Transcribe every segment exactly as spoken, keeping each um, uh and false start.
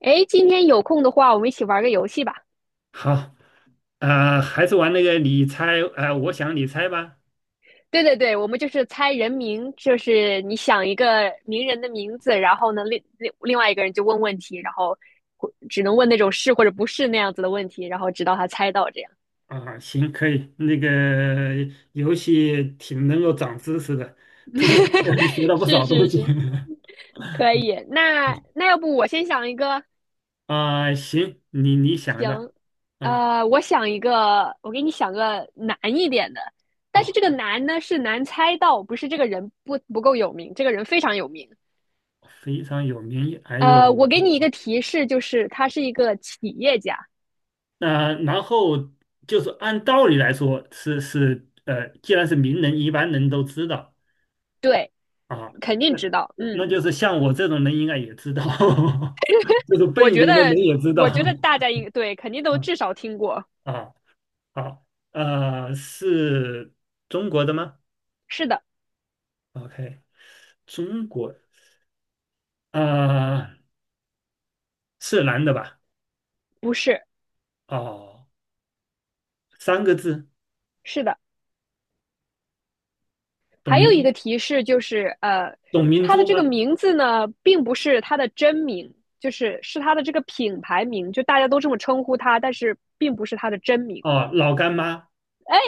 哎，今天有空的话，我们一起玩个游戏吧。好，呃，还是玩那个你猜，呃，我想你猜吧。对对对，我们就是猜人名，就是你想一个名人的名字，然后呢，另另另外一个人就问问题，然后或只能问那种是或者不是那样子的问题，然后直到他猜到这样。啊，行，可以。那个游戏挺能够长知识的，通过这个游戏学 到不是少东是西。是，可以。那 那要不我先想一个，啊，行，你你想吧。能？啊呃，我想一个，我给你想个难一点的，但啊，是这个难呢是难猜到，不是这个人不不够有名，这个人非常有名。非常有名。还有，呃，我给你一个提示，就是他是一个企业家，那、然后就是按道理来说是是，呃，既然是名人，一般人都知道。对，啊，肯定那知道。那那嗯，就是像我这种人应该也知道，就是笨我一觉点得，的人也知道。我觉得大家应对肯定都 至少听过。啊啊啊，呃，是中国的吗是的，？OK,中国，啊是男的吧？不是，哦，三个字，是的。董还有明一个提示就是，呃，董明他的珠这个吗？名字呢，并不是他的真名，就是是他的这个品牌名，就大家都这么称呼他，但是并不是他的真名。哦，老干妈。哎，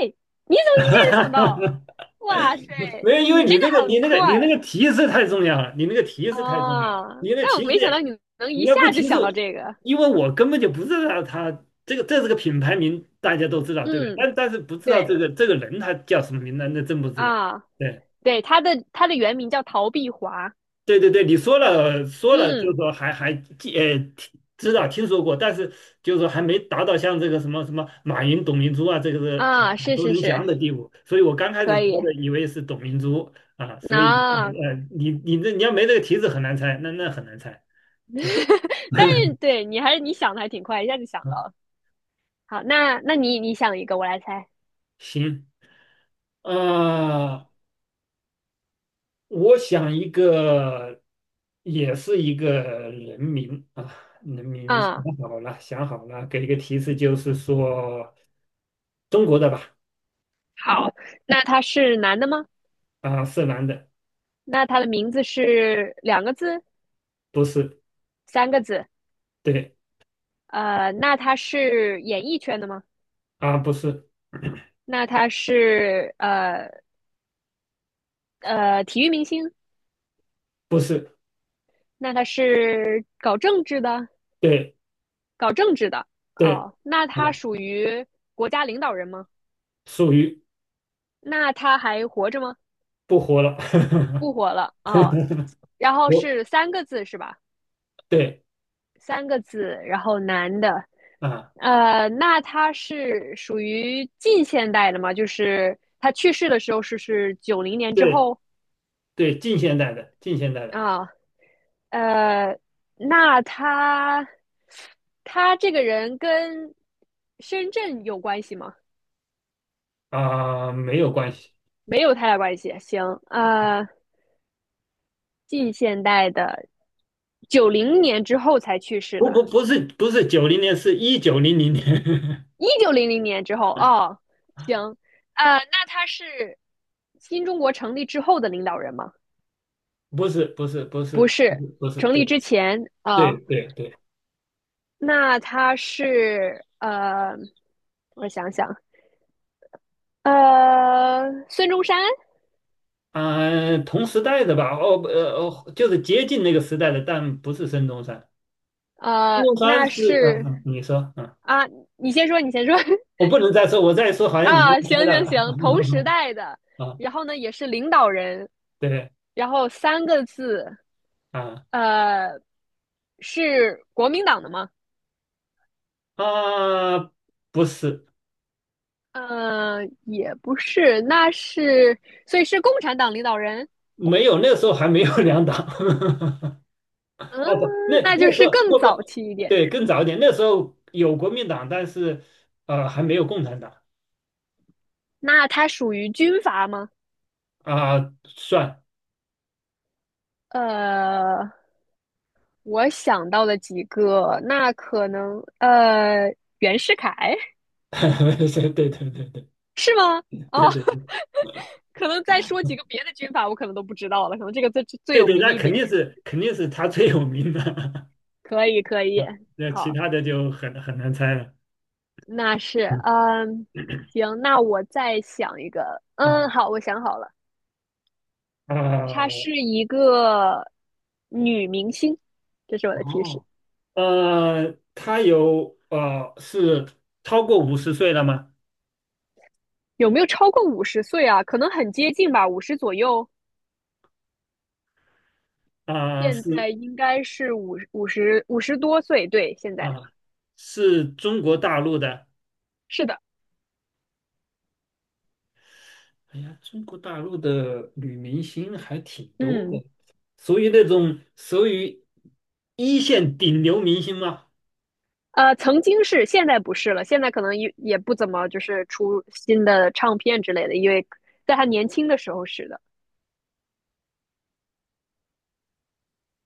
你怎么一下就想到？哇塞，没有，因为你这你个那个你很那个你那快！个提示太重要了，你那个提示太重要了，啊，你那个但提我没想到示你能你一要下不就提示，想到这个。因为我根本就不知道他这个这是个品牌名，大家都知道，对不对？嗯，但但是不知道这对个这个人他叫什么名，那那真不知道。啊，对对，他的他的原名叫陶碧华。对对对，你说了说了，就是嗯说还还记呃听知道听说过，但是就是说还没达到像这个什么什么马云、董明珠啊，这个是呃啊，耳是熟是能是，详的地步。所以我刚开始可猜以的以为是董明珠啊，所以啊。呃你你这你要没这个提示很难猜，那那很难猜。对，但是 对你还是你想的还挺快，一下就想到了。好，那那你你想一个，我来猜。行。啊、我想一个，也是一个人名啊，人名想啊，好了，想好了，给一个提示，就是说中国的吧，好，那他是男的吗？啊，是男的，那他的名字是两个字、不是，三个字？对，呃，那他是演艺圈的吗？啊，不是，那他是呃呃体育明星？不是，那他是搞政治的，对，搞政治的对，哦。那啊，他属于国家领导人吗？属于那他还活着吗？不活了，不活了哦。然后我，是三个字是吧？对，三个字，然后男的，啊，呃，那他是属于近现代的吗？就是他去世的时候是是九零年之对，后对，近现代的，近现代的，啊，呃，那他他这个人跟深圳有关系吗？啊，没有关系，没有太大关系。行，呃，近现代的，九零年之后才去世不的，不不是不是九零年，是一九零零年。一九零零年之后。哦，行，呃，那他是新中国成立之后的领导人吗？不是不是不是不不是，是不是，成对立之前啊、对呃对对，那他是呃，我想想，呃，孙中山，啊、同时代的吧，哦呃哦，就是接近那个时代的，但不是孙中山。孙呃，中山那是，嗯、是嗯你说，嗯，啊，你先说，你先说 我 不能再说，我再说好像你就啊，行猜到了，行行，同时代的。啊，然后呢，也是领导人。对，然后三个字，啊呃，是国民党的吗？啊，不是，呃，也不是，那是，所以是共产党领导人。没有，那时候还没有两党，嗯，哦不，那那就那时是候更不早不，期一点。对，更早一点，那时候有国民党，但是呃还没有共产党那它属于军阀吗？啊、算，呃，我想到了几个，那可能呃，袁世凯 对对对对。是吗？对哦，对对 可能再说几个别的军阀，我可能都不知道了，可能这个最最对有对，名那一肯定点。是肯定是他最有名的 可以，可 以，啊，那其好，他的就很很难猜了。那是，嗯嗯，行，那我再想一个。嗯，啊好，我想好了，她啊是一个女明星，这是我的提示。哦呃，他有呃是超过五十岁了吗？有没有超过五十岁啊？可能很接近吧，五十左右。啊现是在应该是五五十五十多岁，对，现在啊是中国大陆的。是的，哎呀，中国大陆的女明星还挺多嗯，的，属于那种属于一线顶流明星吗？呃，曾经是，现在不是了，现在可能也也不怎么就是出新的唱片之类的，因为在他年轻的时候是的，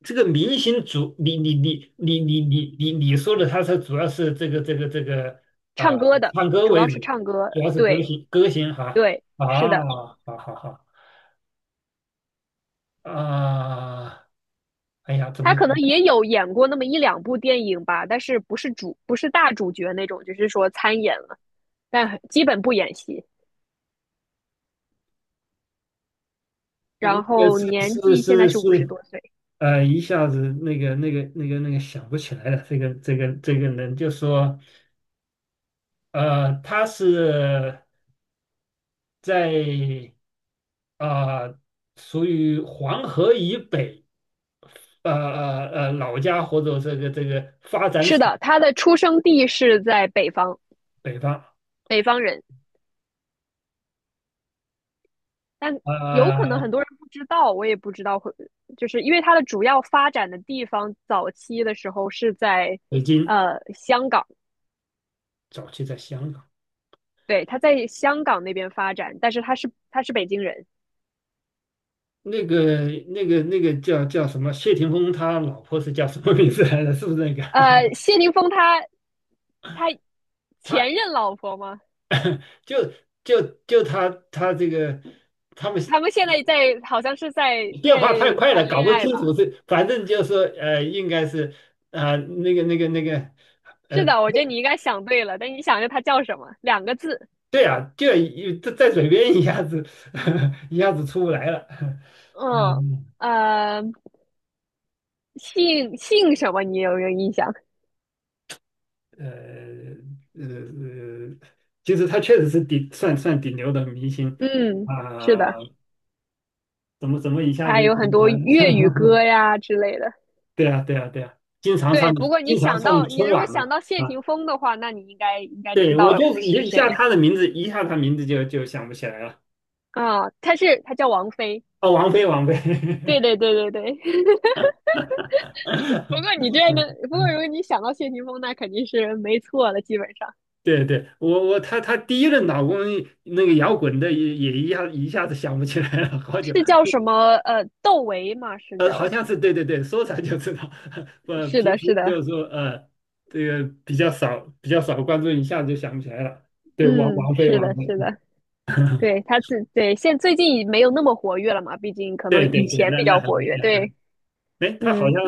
这个明星主，你你你你你你你你说的，他是主要是这个这个这个啊、唱歌的，唱歌主为要是主，唱歌，主要是歌对。星歌星哈对，是啊，的，好好好啊，哎呀，怎他么可能嗯也有演过那么一两部电影吧，但是不是主，不是大主角那种，就是说参演了，但很基本不演戏。那然个后是年是纪现在是是五十是多岁，呃，一下子那个那个那个那个想不起来了，这个这个这个人就说呃，他是在啊、属于黄河以北。呃呃呃老家或者这个这个发展是史的，他的出生地是在北方，北方，北方人，但有可能很呃，多人不知道，我也不知道会，就是因为他的主要发展的地方，早期的时候是在北京，呃香港，早期在香港。对，他在香港那边发展，但是他是他是北京人。那个那个那个叫叫什么？谢霆锋他老婆是叫什么名字来着？是不是那个？呃，谢霆锋他他前 他任老婆吗？就就就他他这个他们他们现在在好像是在变在化太快了，谈搞恋不爱清楚吧？是，反正就是说呃，应该是啊、那个那个那个呃，是的，我觉得你应该想对了，但你想一下他叫什么？两个字，对啊，就一在在嘴边一下子 一下子出不来了，嗯嗯。呃，姓姓什么？你有没有印象？呃呃，呃其实他确实是顶算算顶流的明星嗯，是啊、的，怎么怎么一下子他就有想很起多来了 粤语歌呀之类的。对啊对啊对啊，经常上对，不过你经常想到上你春如果晚想嘛到谢霆啊，锋的话，那你应该应该知对我道就是一是一下谁他的名字，一下他名字就就想不起来了。啊？他是他叫王菲。哦，王菲王菲，对对对对对，不过 你这样的，不过如嗯果你想到谢霆锋，那肯定是没错了。基本上对对，我我他他第一任老公那个摇滚的也也一下一下子想不起来了，好久。是叫什么呃窦唯吗？是呃，好叫像是对对对，说出来就知道。我是平的，时是的，就是说，呃，这个比较少，比较少关注，一下子就想不起来了。对，王嗯，王菲，是王的，菲，是嗯，的，对，他自对，现最近已没有那么活跃了嘛，毕竟可能对以对对，前那比那较还活跃，是，对，哎，她好嗯，像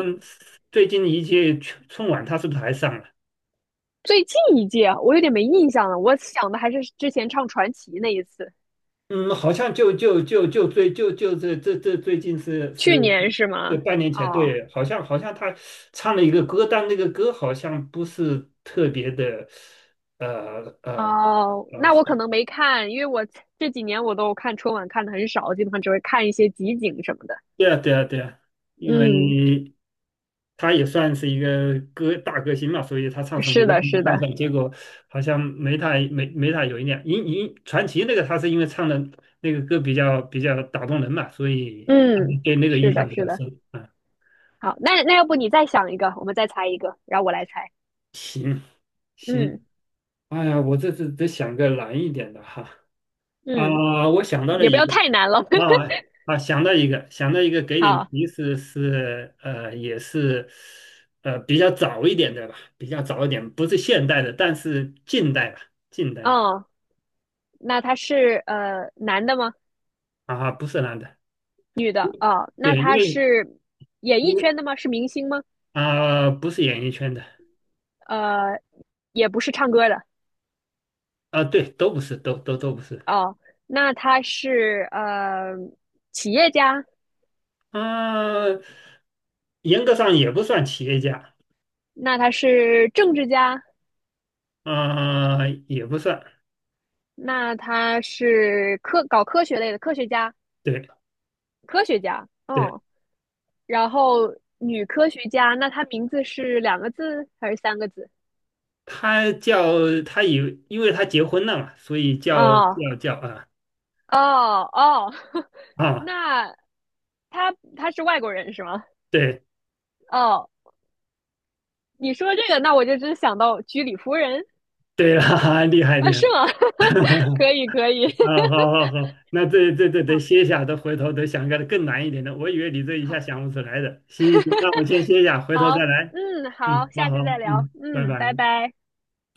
最近一届春春晚，她是不是还上了？最近一届啊我有点没印象了，我想的还是之前唱传奇那一次，嗯，好像就就就就最就就这这这最近是是，去年是就吗？半年前，哦对，好像好像他唱了一个歌，但那个歌好像不是特别的，呃呃哦，那呃。我可能没看，因为我这几年我都看春晚看的很少，基本上只会看一些集锦什么的。对啊，对啊，对啊，因嗯，为他也算是一个歌大歌星嘛，所以他唱什么是歌的，是你看一的，下，结果好像没太没没太有一点。因因传奇那个他是因为唱的那个歌比较比较打动人嘛，所以他就嗯，对那个印是象的，比是较的。深啊。好，那那要不你再想一个，我们再猜一个，然后我来猜。行嗯行，哎呀，我这次得想个难一点的哈嗯，啊，我想到了也不一要个，太难了。啊啊，想到一个，想到一个，给点好，提示是，呃，也是，呃，比较早一点的吧，比较早一点，不是现代的，但是近代吧，近代吧，哦，那他是呃男的吗？啊，不是男的，女的？哦，那对，因他为是演艺因圈为的吗？是明星吗？啊，不是演艺圈的，呃，也不是唱歌的。啊，对，都不是，都都都不是，哦，那他是呃企业家？啊，严格上也不算企业家，那他是政治家？啊，也不算，那他是科搞科学类的科学家？对科学家？对，哦，然后女科学家，那她名字是两个字还是三个字？他叫他以，因为他结婚了嘛，所以叫哦叫叫啊。哦哦，啊那她她是外国人是吗？对哦，你说这个，那我就真想到居里夫人对啦，厉害啊，厉害，是吗？可以可以，啊，好好好，那这这这 得好歇下，得回头得想个更难一点的，我以为你这一下好想不出来的，行行行，那我先歇下，回头好，再来，嗯，好，嗯，好下好，次再聊，嗯，拜嗯，拜拜。拜。